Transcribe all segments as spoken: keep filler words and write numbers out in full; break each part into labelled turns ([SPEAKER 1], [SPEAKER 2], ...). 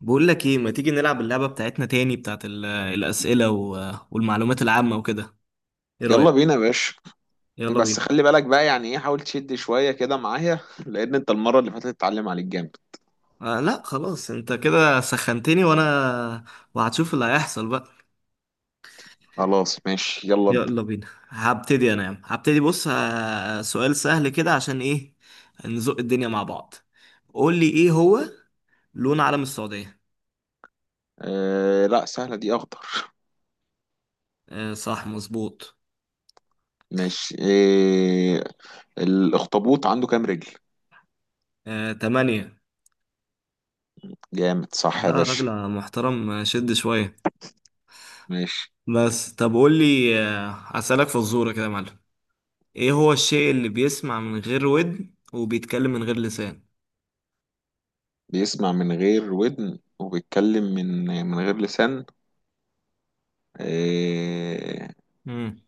[SPEAKER 1] بقول لك ايه، ما تيجي نلعب اللعبة بتاعتنا تاني، بتاعت ال- الأسئلة و- والمعلومات العامة وكده؟ ايه
[SPEAKER 2] يلا
[SPEAKER 1] رأيك؟
[SPEAKER 2] بينا يا باشا.
[SPEAKER 1] يلا
[SPEAKER 2] بس
[SPEAKER 1] بينا.
[SPEAKER 2] خلي بالك بقى يعني ايه، حاول تشد شوية كده معايا لأن انت المرة اللي فاتت اتعلم عليك جامد.
[SPEAKER 1] آه لا، خلاص انت كده سخنتني، وانا وهتشوف اللي هيحصل بقى.
[SPEAKER 2] خلاص ماشي يلا ب...
[SPEAKER 1] يلا بينا. هبتدي انا يا عم، هبتدي. بص، آه، سؤال سهل كده، عشان ايه؟ نزق الدنيا مع بعض. قول لي، ايه هو لون علم السعودية؟
[SPEAKER 2] آه لا، سهلة دي، أخضر.
[SPEAKER 1] آه صح، مظبوط.
[SPEAKER 2] ماشي آه. الأخطبوط عنده كام رجل؟
[SPEAKER 1] آه، تمانية.
[SPEAKER 2] جامد صح يا
[SPEAKER 1] لا يا
[SPEAKER 2] باشا.
[SPEAKER 1] راجل محترم، آه، شد شوية.
[SPEAKER 2] ماشي.
[SPEAKER 1] بس طب قول لي، آه، هسألك فزورة كده يا معلم. ايه هو الشيء اللي بيسمع من غير ودن وبيتكلم من غير لسان؟
[SPEAKER 2] بيسمع من غير ودن وبيتكلم من من غير لسان. آه
[SPEAKER 1] امم.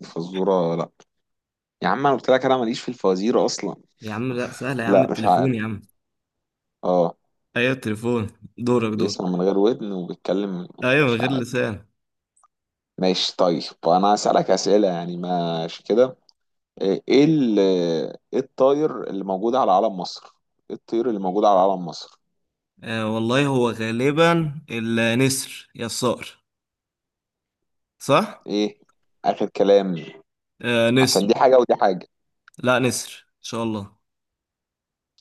[SPEAKER 2] الفزورة لا. يا عم أنا قلت لك أنا ماليش في الفوازير أصلا.
[SPEAKER 1] يا عم لا، سهلة يا عم،
[SPEAKER 2] لا مش
[SPEAKER 1] التليفون
[SPEAKER 2] عارف.
[SPEAKER 1] يا عم.
[SPEAKER 2] اه.
[SPEAKER 1] ايوه، التليفون. دورك، دور.
[SPEAKER 2] بيسمع من غير ودن وبيتكلم.
[SPEAKER 1] ايوه، من
[SPEAKER 2] مش
[SPEAKER 1] غير
[SPEAKER 2] عارف.
[SPEAKER 1] لسان.
[SPEAKER 2] ماشي طيب، انا هسألك أسئلة يعني، ماشي كده. ايه إيه ال- إيه الطاير اللي موجود على علم مصر؟ ايه الطير اللي موجود على علم مصر؟
[SPEAKER 1] آه والله، هو غالبا النسر يا الصقر، صح؟
[SPEAKER 2] ايه؟ اخر كلام.
[SPEAKER 1] آه، نسر.
[SPEAKER 2] عشان دي حاجة ودي حاجة.
[SPEAKER 1] لا، نسر ان شاء الله.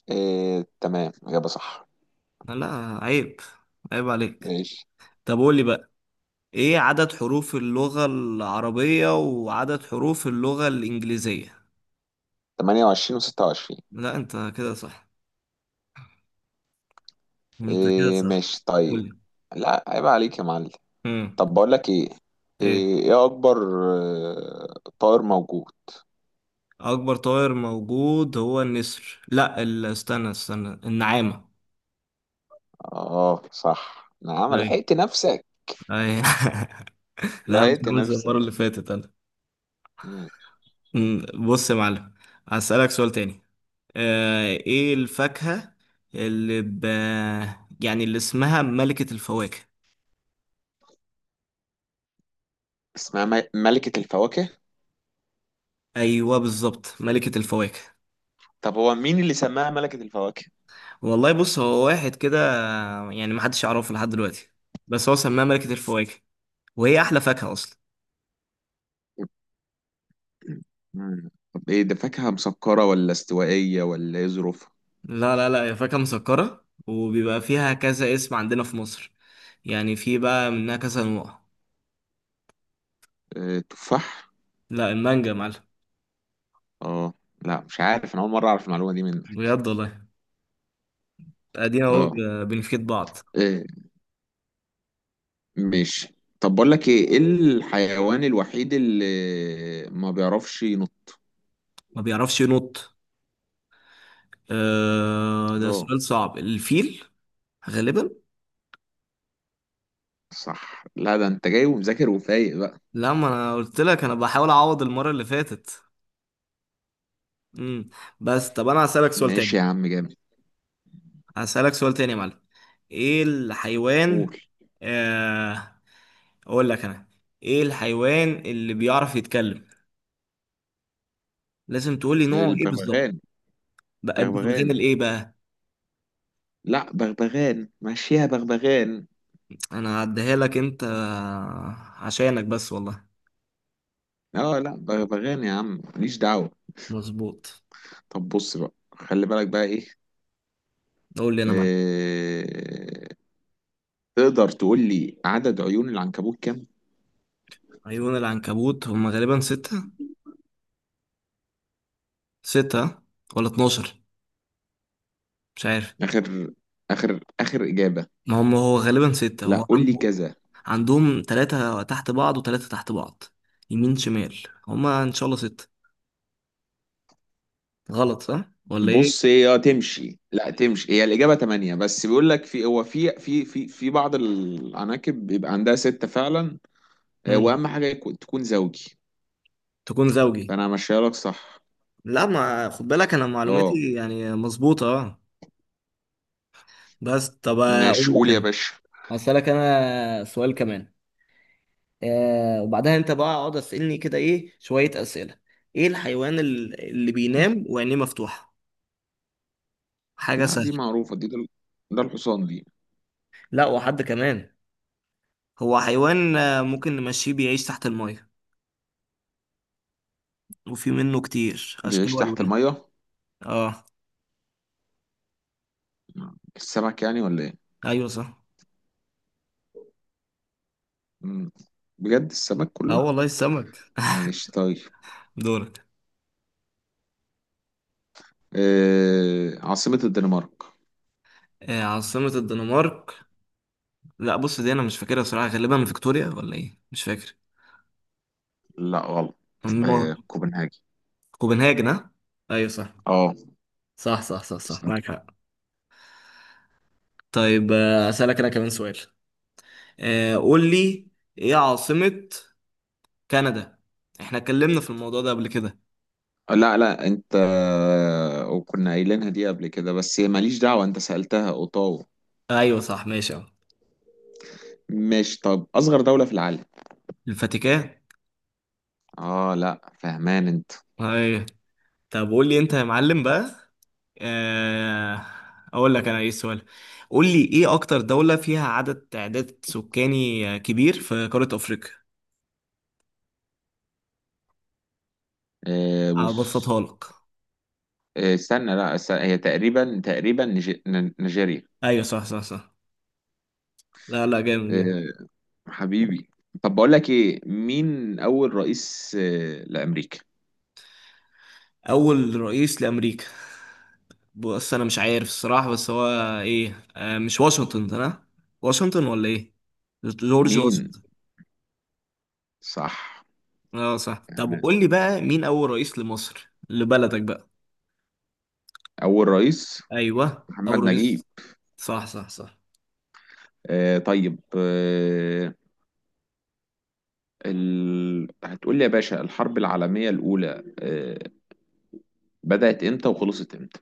[SPEAKER 2] إيه تمام، إجابة صح.
[SPEAKER 1] لا، عيب، عيب عليك.
[SPEAKER 2] ماشي.
[SPEAKER 1] طب قول لي بقى، ايه عدد حروف اللغة العربية وعدد حروف اللغة الإنجليزية؟
[SPEAKER 2] تمانية وعشرين و26.
[SPEAKER 1] لا، انت كده صح. انت كده
[SPEAKER 2] إيه،
[SPEAKER 1] صح.
[SPEAKER 2] ماشي
[SPEAKER 1] قول
[SPEAKER 2] طيب.
[SPEAKER 1] لي.
[SPEAKER 2] لا عيب عليك يا معلم.
[SPEAKER 1] امم.
[SPEAKER 2] طب بقول لك ايه.
[SPEAKER 1] ايه
[SPEAKER 2] ايه إيه اكبر آه، طائر موجود.
[SPEAKER 1] اكبر طائر موجود؟ هو النسر، لا ال- استنى استنى، النعامة.
[SPEAKER 2] اه صح، نعم،
[SPEAKER 1] ايوه،
[SPEAKER 2] لحقت نفسك.
[SPEAKER 1] ايوه لا، مش
[SPEAKER 2] لحقت
[SPEAKER 1] عامل زي المرة
[SPEAKER 2] نفسك.
[SPEAKER 1] اللي فاتت انا. أمم، بص يا معلم، هسألك سؤال تاني. آه، ايه الفاكهة اللي ب... يعني اللي اسمها ملكة الفواكه؟
[SPEAKER 2] اسمها م- ملكة الفواكه.
[SPEAKER 1] ايوه بالظبط، ملكة الفواكه.
[SPEAKER 2] طب هو مين اللي سماها ملكة الفواكه؟
[SPEAKER 1] والله بص، هو واحد كده، يعني محدش يعرفه لحد دلوقتي، بس هو سماها ملكة الفواكه، وهي احلى فاكهة اصلا.
[SPEAKER 2] مم. طب ايه ده، فاكهة مسكرة ولا استوائية ولا ايه ظروفها؟
[SPEAKER 1] لا لا لا، هي فاكهة مسكرة، وبيبقى فيها كذا اسم عندنا في مصر، يعني في بقى منها كذا نوع.
[SPEAKER 2] آه، تفاح؟
[SPEAKER 1] لا، المانجا يا معلم.
[SPEAKER 2] اه لا، مش عارف، انا اول مرة اعرف المعلومة دي منك.
[SPEAKER 1] بجد والله. ادينا اهو،
[SPEAKER 2] اه.
[SPEAKER 1] ب- بنفيد بعض.
[SPEAKER 2] إيه. ماشي طب بقول لك ايه، ايه الحيوان الوحيد اللي ما بيعرفش ينط؟
[SPEAKER 1] ما بيعرفش ينط. آه ده
[SPEAKER 2] اه
[SPEAKER 1] سؤال صعب، الفيل، غالبا.
[SPEAKER 2] صح. لا ده انت جاي ومذاكر وفايق بقى.
[SPEAKER 1] لا، ما انا قلت لك، انا بحاول اعوض المرة اللي فاتت. امم. بس طب انا هسألك سؤال
[SPEAKER 2] ماشي
[SPEAKER 1] تاني.
[SPEAKER 2] يا عم جامد.
[SPEAKER 1] هسألك سؤال تاني يا معلم. ايه الحيوان.
[SPEAKER 2] قول.
[SPEAKER 1] آه اقول لك انا، ايه الحيوان اللي بيعرف يتكلم؟ لازم تقولي نوعه ايه بالظبط.
[SPEAKER 2] البغبغان.
[SPEAKER 1] بقى بتتغني
[SPEAKER 2] بغبغان.
[SPEAKER 1] لايه بقى؟
[SPEAKER 2] لا بغبغان، ماشي يا بغبغان.
[SPEAKER 1] انا هعديها لك انت، عشانك بس والله.
[SPEAKER 2] اه لا، ب- بغني يا عم ماليش دعوة.
[SPEAKER 1] مظبوط.
[SPEAKER 2] طب بص بقى، خلي بالك بقى ايه.
[SPEAKER 1] قول لي، انا معاك.
[SPEAKER 2] آه... تقدر تقول لي عدد عيون العنكبوت كام؟
[SPEAKER 1] عيون العنكبوت هم غالبا ستة. ستة ولا اتناشر؟ مش عارف.
[SPEAKER 2] اخر اخر اخر اجابة.
[SPEAKER 1] ما هم هو غالبا ستة،
[SPEAKER 2] لا
[SPEAKER 1] هو
[SPEAKER 2] قول لي
[SPEAKER 1] عنده،
[SPEAKER 2] كذا.
[SPEAKER 1] عندهم ثلاثة تحت بعض وثلاثة تحت بعض، يمين شمال. هما ان شاء الله ستة. غلط صح ولا ايه؟
[SPEAKER 2] بص، هي تمشي لا تمشي، هي الإجابة تمانية، بس بيقول لك في، هو في في في في بعض العناكب بيبقى عندها ستة فعلا. آه،
[SPEAKER 1] مم.
[SPEAKER 2] وأهم حاجة يكون- تكون زوجي.
[SPEAKER 1] تكون زوجي.
[SPEAKER 2] فأنا همشيها لك صح.
[SPEAKER 1] لا، ما خد بالك، انا
[SPEAKER 2] اه
[SPEAKER 1] معلوماتي يعني مظبوطة، اه. بس طب
[SPEAKER 2] ماشي،
[SPEAKER 1] اقول لك
[SPEAKER 2] قول يا
[SPEAKER 1] انا،
[SPEAKER 2] باشا.
[SPEAKER 1] هسألك أنا سؤال كمان. آه وبعدها أنت بقى اقعد أسألني كده إيه شوية أسئلة. إيه الحيوان ال- اللي بينام وعينيه مفتوحة؟ حاجة
[SPEAKER 2] لا دي
[SPEAKER 1] سهلة.
[SPEAKER 2] معروفة دي، ده ده الحصان دي.
[SPEAKER 1] لا، وحد كمان. هو حيوان، آه، ممكن نمشيه، بيعيش تحت المية، وفي منه كتير أشكال
[SPEAKER 2] بيعيش تحت
[SPEAKER 1] وألوان.
[SPEAKER 2] المية.
[SPEAKER 1] آه.
[SPEAKER 2] السمك يعني ولا ايه؟
[SPEAKER 1] أيوة صح.
[SPEAKER 2] مم. بجد السمك
[SPEAKER 1] آه
[SPEAKER 2] كله.
[SPEAKER 1] والله، السمك.
[SPEAKER 2] ماشي طيب.
[SPEAKER 1] دورك.
[SPEAKER 2] آه عاصمة الدنمارك؟
[SPEAKER 1] آه، عاصمة الدنمارك. لا بص، دي أنا مش فاكرها بصراحة، غالبا فيكتوريا ولا إيه، مش فاكر.
[SPEAKER 2] لا غلط.
[SPEAKER 1] النار.
[SPEAKER 2] آه كوبنهاجي.
[SPEAKER 1] كوبنهاجن، ها، أيوة صح.
[SPEAKER 2] اه
[SPEAKER 1] صح، صح، صح، صح، معاك حق. طيب، آه، أسألك أنا كمان سؤال. آه، قول لي، إيه عاصمة كندا؟ إحنا اتكلمنا في الموضوع ده قبل كده.
[SPEAKER 2] لا لا انت. وكنا قايلينها دي قبل كده، بس هي ماليش دعوة، انت سألتها، اوتاوا.
[SPEAKER 1] أيوه صح، ماشي أهو.
[SPEAKER 2] ماشي طب، اصغر دولة في العالم.
[SPEAKER 1] الفاتيكان.
[SPEAKER 2] اه لا، فهمان انت.
[SPEAKER 1] أيوه. طب قول لي أنت يا معلم بقى، آه، أقول لك أنا إيه السؤال. قول لي، إيه أكتر دولة فيها عدد تعداد سكاني آه، كبير في قارة أفريقيا؟
[SPEAKER 2] آه بص.
[SPEAKER 1] أبسطها لك.
[SPEAKER 2] آه استنى، لا است- هي تقريبا تقريبا نيج- ن- نيجيريا.
[SPEAKER 1] أيوه صح، صح، صح. لا لا، جامد جدا.
[SPEAKER 2] آه، حبيبي. طب بقول لك ايه، مين اول رئيس آه، لامريكا؟
[SPEAKER 1] اول رئيس لامريكا. بص انا مش عارف الصراحه، بس هو ايه، آه مش واشنطن ده أنا؟ واشنطن ولا ايه، جورج
[SPEAKER 2] مين؟
[SPEAKER 1] واشنطن.
[SPEAKER 2] صح.
[SPEAKER 1] اه صح. طب
[SPEAKER 2] تمام.
[SPEAKER 1] قول لي بقى، مين اول رئيس لمصر، لبلدك بقى؟
[SPEAKER 2] اول رئيس.
[SPEAKER 1] ايوه،
[SPEAKER 2] محمد
[SPEAKER 1] اول
[SPEAKER 2] نجيب.
[SPEAKER 1] رئيس. صح، صح، صح.
[SPEAKER 2] آه طيب آه. ال... هتقول لي يا باشا الحرب العالمية الأولى آه بدأت امتى وخلصت امتى؟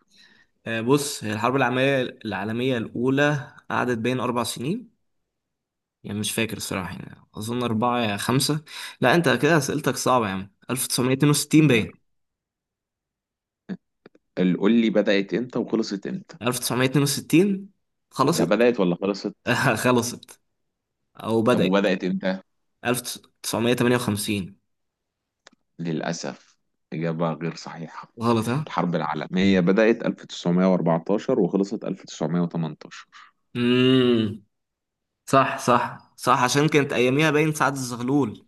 [SPEAKER 1] آه بص، هي الحرب العالميه العالميه الاولى قعدت بين اربع سنين، يعني مش فاكر الصراحه، يعني اظن اربعه يا خمسه. لا انت كده اسئلتك صعبه يا عم. ألف تسعمية اتنين وستين،
[SPEAKER 2] لا.
[SPEAKER 1] باين.
[SPEAKER 2] ال- قول لي بدأت امتى وخلصت امتى.
[SPEAKER 1] ألف وتسعمئة واثنين وستين،
[SPEAKER 2] ده
[SPEAKER 1] خلصت.
[SPEAKER 2] بدأت ولا خلصت؟
[SPEAKER 1] خلصت او
[SPEAKER 2] طب
[SPEAKER 1] بدأت.
[SPEAKER 2] وبدأت امتى؟
[SPEAKER 1] ألف وتسعمئة وثمانية وخمسين.
[SPEAKER 2] للأسف إجابة غير صحيحة.
[SPEAKER 1] غلط ها.
[SPEAKER 2] الحرب العالمية بدأت ألف وتسعمية وأربعتاشر وخلصت ألف وتسعمائة وثمانية عشر.
[SPEAKER 1] امم. صح، صح، صح، عشان كانت اياميها باين سعد الزغلول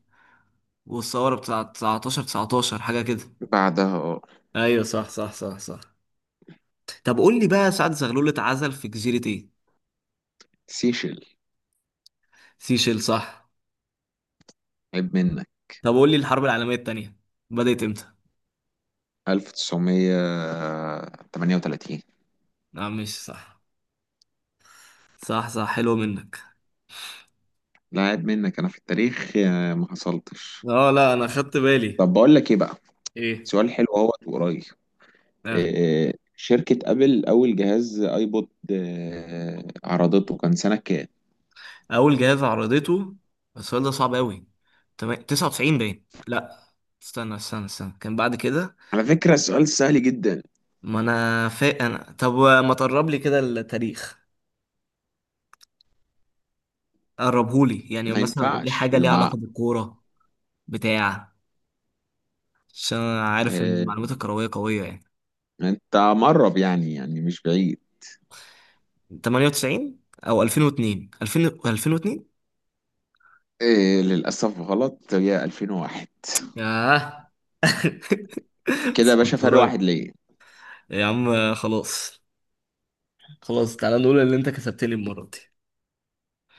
[SPEAKER 1] والثوره بتاع تسعة عشر تسعة عشر حاجه كده.
[SPEAKER 2] بعدها اه.
[SPEAKER 1] ايوه صح، صح، صح، صح. طب قول لي بقى، سعد الزغلول اتعزل في جزيره ايه؟
[SPEAKER 2] سيشل.
[SPEAKER 1] سيشيل، صح.
[SPEAKER 2] عيب منك.
[SPEAKER 1] طب قول لي، الحرب العالميه الثانيه بدأت امتى؟
[SPEAKER 2] ألف وتسعمية وتمنية وتلاتين.
[SPEAKER 1] لا مش صح. صح، صح، حلو منك.
[SPEAKER 2] لا عيب منك، انا في التاريخ آه، ما حصلتش.
[SPEAKER 1] اه لا، انا خدت بالي.
[SPEAKER 2] طب بقول لك ايه بقى.
[SPEAKER 1] ايه.
[SPEAKER 2] سؤال حلو اهو وقريب.
[SPEAKER 1] اه.
[SPEAKER 2] آه، شركة ابل اول جهاز ايبود آه، عرضته كان سنة كام؟
[SPEAKER 1] اول جهاز عرضته. السؤال ده صعب قوي. تمام، تسعة وتسعين، باين، لا. استنى، استنى، استنى، كان بعد كده.
[SPEAKER 2] على فكرة السؤال سهل جدا.
[SPEAKER 1] ما انا فاق انا، طب ما تقرب لي كده التاريخ، قربهولي، يعني
[SPEAKER 2] ما
[SPEAKER 1] مثلا قول لي
[SPEAKER 2] ينفعش
[SPEAKER 1] حاجه ليها
[SPEAKER 2] لما.
[SPEAKER 1] علاقه بالكوره بتاع، عشان انا عارف ان
[SPEAKER 2] آه،
[SPEAKER 1] المعلومات الكرويه قويه يعني.
[SPEAKER 2] انت مقرب يعني يعني مش بعيد.
[SPEAKER 1] تمنية وتسعين او ألفين و اثنين، ألفين، ألفين و اثنين.
[SPEAKER 2] آه، للاسف غلط، هي ألفين وواحد.
[SPEAKER 1] ياه.
[SPEAKER 2] كده
[SPEAKER 1] بس
[SPEAKER 2] يا باشا
[SPEAKER 1] كنت
[SPEAKER 2] فرق
[SPEAKER 1] قريب.
[SPEAKER 2] واحد ليه.
[SPEAKER 1] يا عم خلاص. خلاص، تعالى نقول اللي انت كسبت لي المره دي.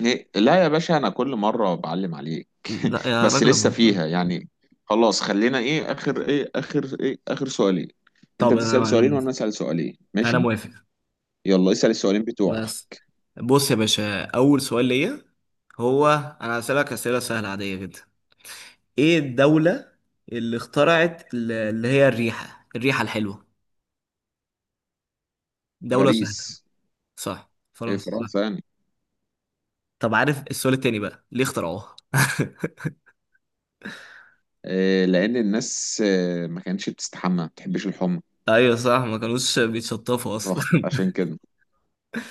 [SPEAKER 2] إيه؟ لا يا باشا انا كل مره بعلم عليك.
[SPEAKER 1] لا يا
[SPEAKER 2] بس
[SPEAKER 1] راجل يا
[SPEAKER 2] لسه
[SPEAKER 1] محترم.
[SPEAKER 2] فيها يعني. خلاص، خلينا ايه اخر ايه اخر ايه اخر سؤالين. انت
[SPEAKER 1] طب انا
[SPEAKER 2] تسال
[SPEAKER 1] انا
[SPEAKER 2] سؤالين وانا اسال سؤالين،
[SPEAKER 1] انا
[SPEAKER 2] ماشي.
[SPEAKER 1] موافق.
[SPEAKER 2] يلا اسال السؤالين بتوعك.
[SPEAKER 1] بس بص يا باشا، اول سؤال ليا هو، انا هسألك اسئله سهله عاديه جدا. ايه الدوله اللي اخترعت ال- اللي هي الريحه الريحه الحلوه؟ دوله سهله.
[SPEAKER 2] باريس.
[SPEAKER 1] صح،
[SPEAKER 2] إيه
[SPEAKER 1] فرنسا صح.
[SPEAKER 2] فرنسا يعني.
[SPEAKER 1] طب عارف السؤال التاني بقى، ليه اخترعوها؟
[SPEAKER 2] إيه، لان الناس آه، ما كانتش بتستحمى، ما بتحبش الحمى.
[SPEAKER 1] ايوه صح، ما كانوش بيتشطفوا اصلا.
[SPEAKER 2] فخ- عشان كده.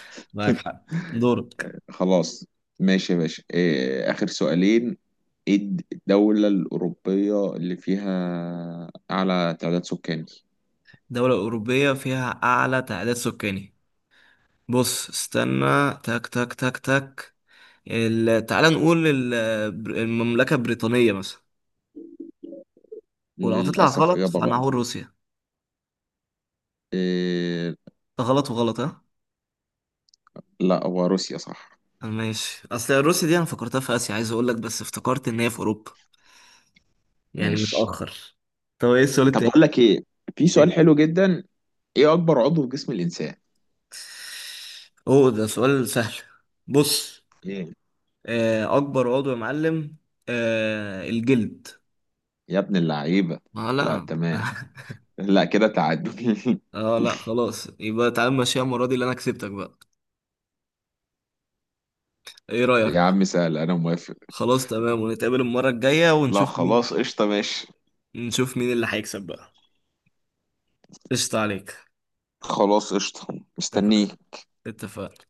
[SPEAKER 1] معاك حق. دورك.
[SPEAKER 2] خلاص. ماشي يا باشا، إيه اخر سؤالين. ايه الد- الدوله الاوروبيه اللي فيها اعلى تعداد سكاني؟
[SPEAKER 1] دولة أوروبية فيها أعلى تعداد سكاني. بص استنى، تك، تك، تك، تك، ال- تعالى نقول، ال- بر- المملكة البريطانية مثلا. ولو هتطلع
[SPEAKER 2] للاسف
[SPEAKER 1] غلط،
[SPEAKER 2] اجابه
[SPEAKER 1] فأنا
[SPEAKER 2] غلط.
[SPEAKER 1] هقول روسيا.
[SPEAKER 2] إيه...
[SPEAKER 1] غلط وغلط، ها.
[SPEAKER 2] لا هو روسيا صح.
[SPEAKER 1] ماشي، أصل روسيا دي أنا فكرتها في آسيا، عايز أقول لك، بس افتكرت إن هي في أوروبا، يعني
[SPEAKER 2] ماشي
[SPEAKER 1] متأخر. طب إيه السؤال
[SPEAKER 2] طب
[SPEAKER 1] التاني؟
[SPEAKER 2] بقول لك ايه. في
[SPEAKER 1] إيه؟
[SPEAKER 2] سؤال حلو جدا. ايه اكبر عضو في جسم الانسان؟
[SPEAKER 1] أوه، ده سؤال سهل. بص،
[SPEAKER 2] ايه؟
[SPEAKER 1] آه، أكبر عضو يا معلم، آه، الجلد.
[SPEAKER 2] يا ابن اللعيبه.
[SPEAKER 1] آه
[SPEAKER 2] لا
[SPEAKER 1] لا
[SPEAKER 2] تمام. لا كده تعادل.
[SPEAKER 1] آه لا، خلاص يبقى، تعال ماشي، المرة دي اللي أنا كسبتك بقى، إيه
[SPEAKER 2] يا
[SPEAKER 1] رأيك؟
[SPEAKER 2] عم سهل، انا موافق.
[SPEAKER 1] خلاص تمام، ونتقابل المرة الجاية،
[SPEAKER 2] لا
[SPEAKER 1] ونشوف مين،
[SPEAKER 2] خلاص قشطه، ماشي.
[SPEAKER 1] نشوف مين اللي هيكسب بقى. قشطة عليك.
[SPEAKER 2] خلاص قشطه.
[SPEAKER 1] اتفقنا،
[SPEAKER 2] مستنيه.
[SPEAKER 1] اتفقنا.